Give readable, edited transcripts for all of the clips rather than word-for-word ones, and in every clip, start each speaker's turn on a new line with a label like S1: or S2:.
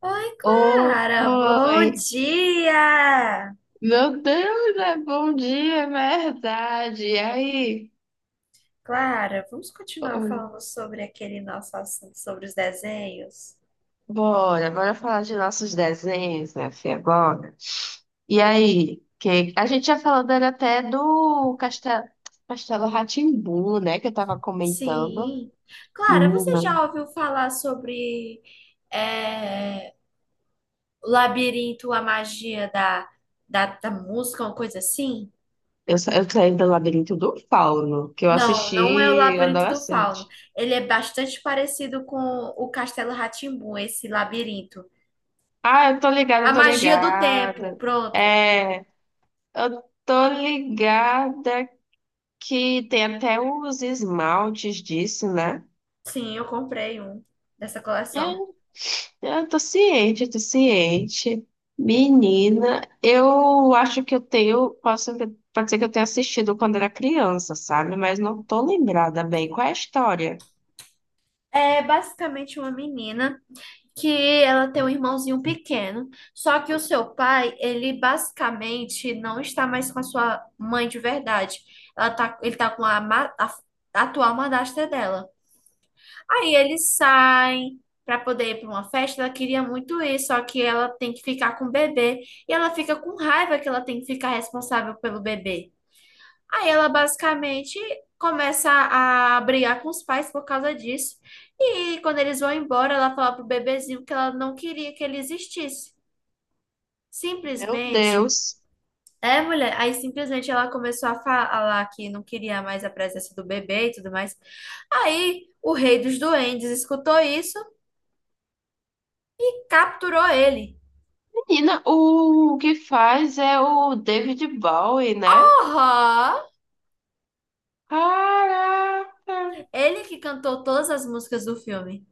S1: Oi, Clara, bom
S2: Oi,
S1: dia!
S2: meu Deus, é bom dia, é verdade. E aí?
S1: Clara, vamos continuar
S2: Oi,
S1: falando sobre aquele nosso assunto sobre os desenhos?
S2: bora, bora falar de nossos desenhos, minha filha, bora. E aí? Que a gente já falou dele até do Castelo, Castelo rá, né, que eu tava comentando.
S1: Sim. Clara, você
S2: Menina,
S1: já ouviu falar sobre é, o labirinto, a magia da música, uma coisa assim?
S2: eu saí do Labirinto do Fauno, que eu
S1: Não, não é o
S2: assisti
S1: Labirinto do Fauno.
S2: adolescente.
S1: Ele é bastante parecido com o Castelo rá, esse labirinto.
S2: Ah, eu tô ligada,
S1: A
S2: eu tô
S1: magia do tempo,
S2: ligada.
S1: pronto.
S2: É, eu tô ligada que tem até os esmaltes disso, né?
S1: Sim, eu comprei um dessa coleção.
S2: É, eu tô ciente, eu tô ciente. Menina, eu acho que pode ser que eu tenha assistido quando era criança, sabe? Mas não tô lembrada bem. Qual é a história?
S1: É basicamente uma menina que ela tem um irmãozinho pequeno, só que o seu pai, ele basicamente não está mais com a sua mãe de verdade. Ela tá, ele tá com a atual madrasta dela. Aí eles saem para poder ir para uma festa, ela queria muito ir, só que ela tem que ficar com o bebê e ela fica com raiva que ela tem que ficar responsável pelo bebê. Aí ela basicamente começa a brigar com os pais por causa disso. E quando eles vão embora, ela fala pro bebezinho que ela não queria que ele existisse.
S2: Meu
S1: Simplesmente.
S2: Deus.
S1: É, mulher. Aí simplesmente ela começou a falar que não queria mais a presença do bebê e tudo mais. Aí o rei dos duendes escutou isso e capturou ele.
S2: Menina, o que faz é o David Bowie, né?
S1: Porra!
S2: Caraca!
S1: Ele que cantou todas as músicas do filme.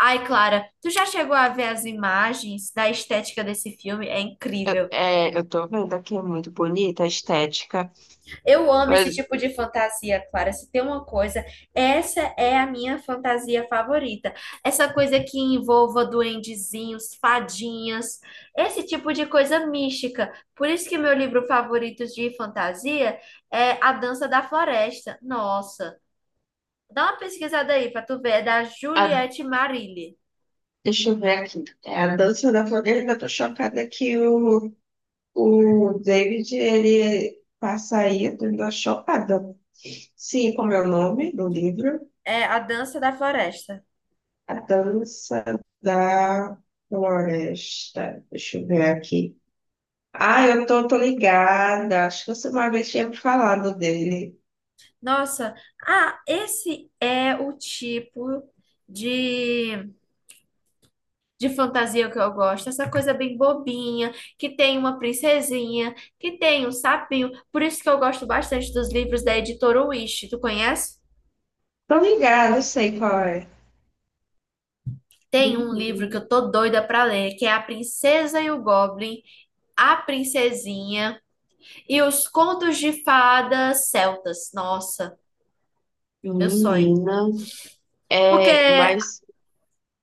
S1: Ai, Clara, tu já chegou a ver as imagens da estética desse filme? É incrível.
S2: É, eu tô vendo aqui, é muito bonita a estética.
S1: Eu amo
S2: Mas
S1: esse tipo de fantasia, Clara. Se tem uma coisa, essa é a minha fantasia favorita. Essa coisa que envolva duendezinhos, fadinhas, esse tipo de coisa mística. Por isso que meu livro favorito de fantasia é A Dança da Floresta. Nossa, dá uma pesquisada aí para tu ver, é da
S2: a
S1: Juliette Marilli.
S2: deixa eu ver aqui. É a Dança da Floresta. Eu tô chocada o David, ele passa aí. Eu tô chocada. Sim, como é o nome do livro?
S1: É A Dança da Floresta.
S2: A Dança da Floresta. Deixa eu ver aqui. Ah, tô ligada. Acho que você uma vez tinha me falado dele.
S1: Nossa, ah, esse é o tipo de de fantasia que eu gosto, essa coisa bem bobinha, que tem uma princesinha, que tem um sapinho. Por isso que eu gosto bastante dos livros da editora Wish. Tu conhece?
S2: Tô ligada, eu sei qual é.
S1: Tem um livro que
S2: Menina,
S1: eu tô doida pra ler, que é A Princesa e o Goblin, A Princesinha e os Contos de Fadas Celtas. Nossa, meu sonho.
S2: Menina, é,
S1: Porque
S2: mas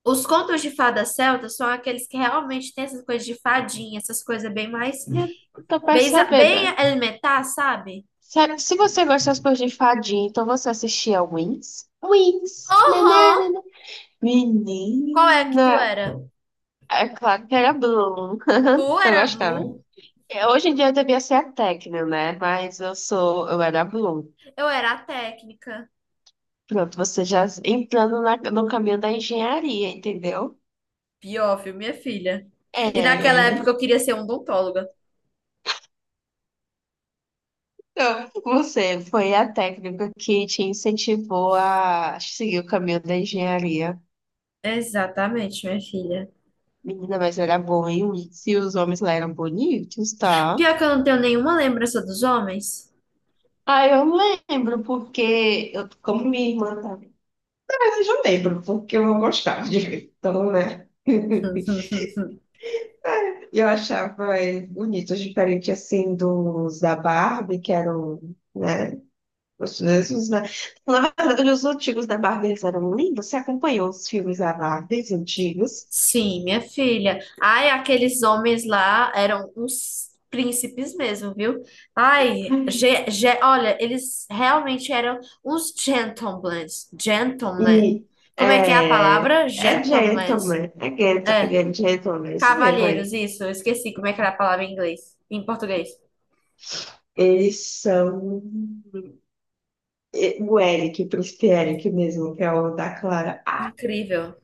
S1: os contos de fadas celtas são aqueles que realmente têm essas coisas de fadinha, essas coisas bem mais.
S2: eu tô
S1: Bem,
S2: percebendo.
S1: bem elementar, sabe?
S2: Sério, se você gosta das coisas de fadinha, então você assistia Wings? Wings!
S1: Aham.
S2: Nananana.
S1: Qual é que tu
S2: Menina!
S1: era?
S2: É claro que era Bloom.
S1: Tu
S2: Eu
S1: era a
S2: gostava.
S1: Blue,
S2: É, hoje em dia eu devia ser a Tecno, né? Eu era a Bloom.
S1: eu era a técnica.
S2: Pronto, você já entrando no caminho da engenharia, entendeu?
S1: Pior, viu, minha filha. E naquela
S2: É.
S1: época eu queria ser odontóloga.
S2: Então, você foi a técnica que te incentivou a seguir o caminho da engenharia.
S1: Exatamente, minha filha.
S2: Menina, mas era bom, hein? Se os homens lá eram bonitos, tá?
S1: Pior que eu não tenho nenhuma lembrança dos homens.
S2: Ah, eu lembro, porque eu, como minha irmã tá. Mas eu já lembro, porque eu não gostava de ver. Então, né? Eu achava bonito, diferente assim dos da Barbie, que eram, né? Os mesmos, né? Na verdade, os antigos da Barbie eles eram lindos. Você acompanhou os filmes da Barbie os antigos?
S1: Sim, minha filha. Ai, aqueles homens lá eram uns príncipes mesmo, viu? Ai, olha, eles realmente eram uns gentlemen. Gentlemen.
S2: E
S1: Como é que é a
S2: é,
S1: palavra? Gentlemen.
S2: é
S1: É.
S2: gentleman, é isso mesmo, é.
S1: Cavalheiros, isso. Eu esqueci como é que era a palavra em inglês, em português.
S2: Eles são o Eric, o príncipe Eric mesmo, que é o da Clara. Ah,
S1: Incrível.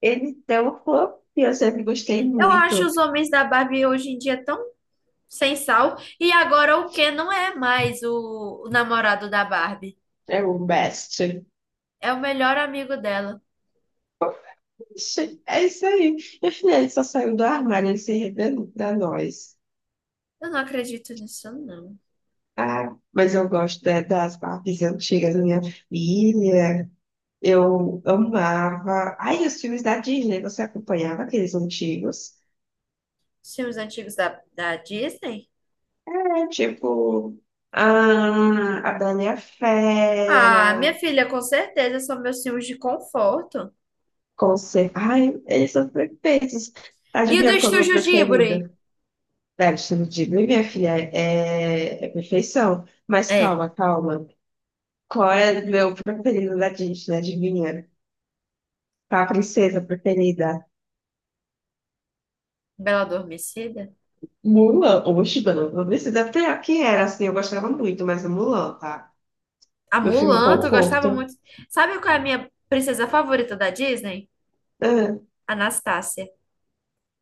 S2: ele é um fã que eu sempre gostei
S1: Eu acho
S2: muito.
S1: os homens da Barbie hoje em dia tão sem sal. E agora o Ken não é mais o namorado da Barbie.
S2: É o best.
S1: É o melhor amigo dela.
S2: Ixi, é isso aí. Meu filho, ele só saiu do armário, ele se revelou pra nós.
S1: Eu não acredito nisso, não.
S2: Ah, mas eu gosto das partes antigas da minha filha, eu amava. Ai, os filmes da Disney, você acompanhava aqueles antigos?
S1: Os filmes antigos da Disney?
S2: É, tipo, ah, a Bela e a
S1: Ah, minha
S2: Fera,
S1: filha, com certeza são meus filmes de conforto.
S2: Ai, eles são perfeitos.
S1: E o do
S2: Adivinha qual é o meu
S1: Estúdio Ghibli?
S2: preferido? Velho, você não diz, minha filha, é perfeição. Mas
S1: É,
S2: calma, calma. Qual é o meu preferido da Disney? Adivinha? Qual a princesa preferida?
S1: Bela Adormecida.
S2: Mulan. Oxe, mano, não precisa ter quem era, assim, eu gostava muito, mas é Mulan, tá?
S1: A
S2: Meu filme
S1: Mulan, tu gostava
S2: conforto.
S1: muito. Sabe qual é a minha princesa favorita da Disney?
S2: Ah,
S1: Anastácia.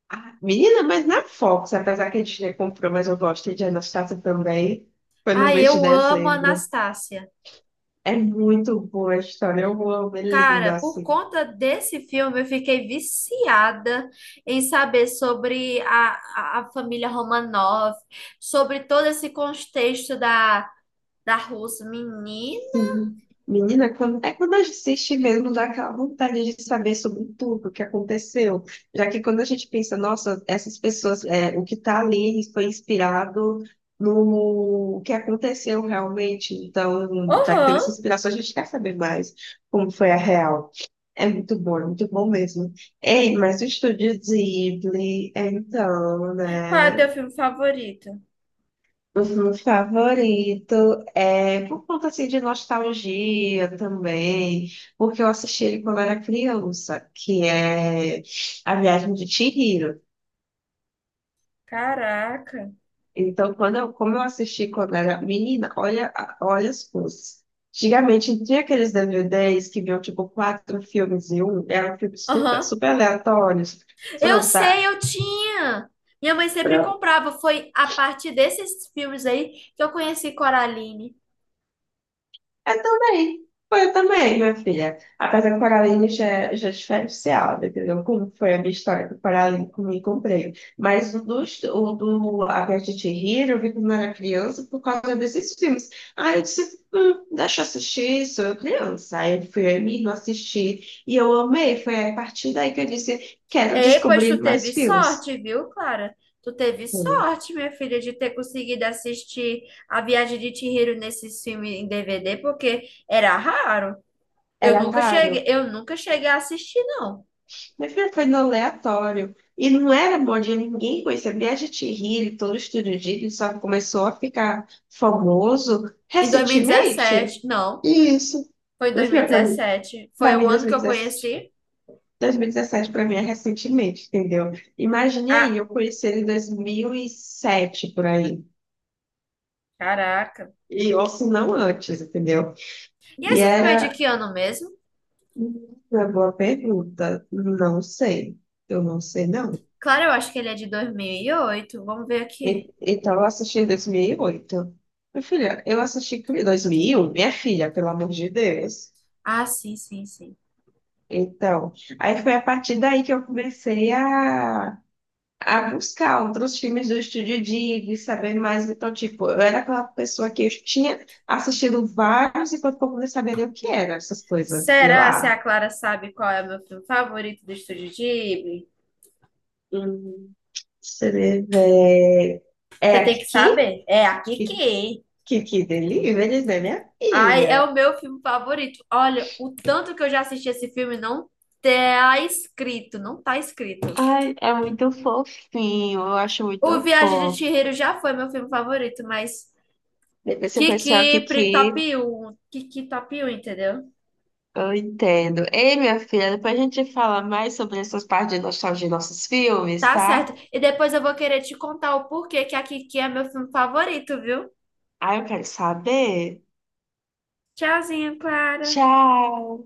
S2: ah, menina, mas na Fox, apesar que a Disney comprou, mas eu gosto de Anastasia também. Foi no
S1: Ah,
S2: mês de
S1: eu amo
S2: dezembro.
S1: Anastácia.
S2: É muito boa a história. Eu amo, é
S1: Cara,
S2: linda
S1: por
S2: assim.
S1: conta desse filme, eu fiquei viciada em saber sobre a família Romanov, sobre todo esse contexto da Rússia. Menino?
S2: Sim. Menina, é quando a gente assiste mesmo, dá aquela vontade de saber sobre tudo o que aconteceu. Já que quando a gente pensa, nossa, essas pessoas, é, o que está ali foi inspirado no que aconteceu realmente. Então, já que teve
S1: Aham.
S2: essa inspiração, a gente quer saber mais como foi a real. É muito bom mesmo. Ei, mas o estúdio Ghibli, então,
S1: Qual é o
S2: né?
S1: teu filme favorito?
S2: Uhum, favorito é por conta assim, de nostalgia também, porque eu assisti ele quando era criança, que é A Viagem de Chihiro.
S1: Caraca.
S2: Então, como eu assisti quando era menina, olha, olha as coisas. Antigamente tinha aqueles DVDs que vinham tipo quatro filmes em um, eram filmes super,
S1: Aham.
S2: super aleatórios.
S1: Eu
S2: Pronto,
S1: sei, eu tinha. Minha mãe sempre comprava. Foi a partir desses filmes aí que eu conheci Coraline.
S2: eu também. Foi eu também, minha filha. Apesar que o Coraline já é diferenciado, entendeu? Como foi a minha história do paralímpico me e comprei. Mas o do A Viagem de Chihiro, eu vi quando eu era criança por causa desses filmes. Aí eu disse, deixa eu assistir, sou eu criança. Aí eu fui eu e minha irmã assistir. E eu amei. Foi a partir daí que eu disse, quero
S1: Ei, pois
S2: descobrir
S1: tu
S2: mais
S1: teve
S2: filmes.
S1: sorte, viu, Clara? Tu teve
S2: Hum.
S1: sorte, minha filha, de ter conseguido assistir A Viagem de Chihiro nesse filme em DVD, porque era raro.
S2: Era raro.
S1: Eu nunca cheguei a assistir, não.
S2: Minha filha foi no aleatório. E não era bom dia, ninguém conhecia. Viagem de Hillary, todo estúdio de Hillary, só começou a ficar famoso
S1: Em
S2: recentemente.
S1: 2017, não,
S2: Isso.
S1: foi em
S2: Minha filha,
S1: 2017. Foi
S2: pra
S1: o
S2: mim
S1: ano que eu
S2: 2017.
S1: conheci.
S2: 2017 para mim é recentemente, entendeu? Imagine aí,
S1: Ah,
S2: eu conheci ele em 2007 por aí.
S1: caraca.
S2: E ou se não antes, entendeu?
S1: E
S2: E
S1: esse filme é de
S2: era
S1: que ano mesmo?
S2: uma boa pergunta. Não sei. Eu não sei, não.
S1: Claro, eu acho que ele é de 2008. Vamos ver aqui.
S2: Então, eu assisti em 2008. Minha filha, eu assisti em 2001, minha filha, pelo amor de Deus.
S1: Ah, sim, sim, sim.
S2: Então, aí foi a partir daí que eu comecei a buscar outros filmes do Estúdio Ghibli, saber mais. Então, tipo, eu era aquela pessoa que eu tinha assistido vários enquanto eu não sabia o que eram essas coisas. E eu
S1: Será se a
S2: lá,
S1: Clara sabe qual é o meu filme favorito do Estúdio Ghibli?
S2: hum, você vê, é é
S1: Você tem que
S2: aqui?
S1: saber. É a
S2: Que,
S1: Kiki.
S2: que delírio, né, minha
S1: Ai, é o
S2: filha?
S1: meu filme favorito. Olha, o tanto que eu já assisti esse filme não tá escrito, não tá escrito.
S2: Ai, é muito fofinho, eu acho
S1: O
S2: muito
S1: Viagem de
S2: fofo.
S1: Chihiro já foi meu filme favorito, mas
S2: Depois que eu
S1: Kiki
S2: conhecer o
S1: pri- top
S2: Kiki,
S1: um, Kiki top um, entendeu?
S2: eu entendo. Ei, minha filha, depois a gente fala mais sobre essas partes de nostalgia de nossos filmes,
S1: Tá
S2: tá?
S1: certo. E depois eu vou querer te contar o porquê que a Kiki é meu filme favorito, viu?
S2: Ai, eu quero saber.
S1: Tchauzinho, Clara.
S2: Tchau!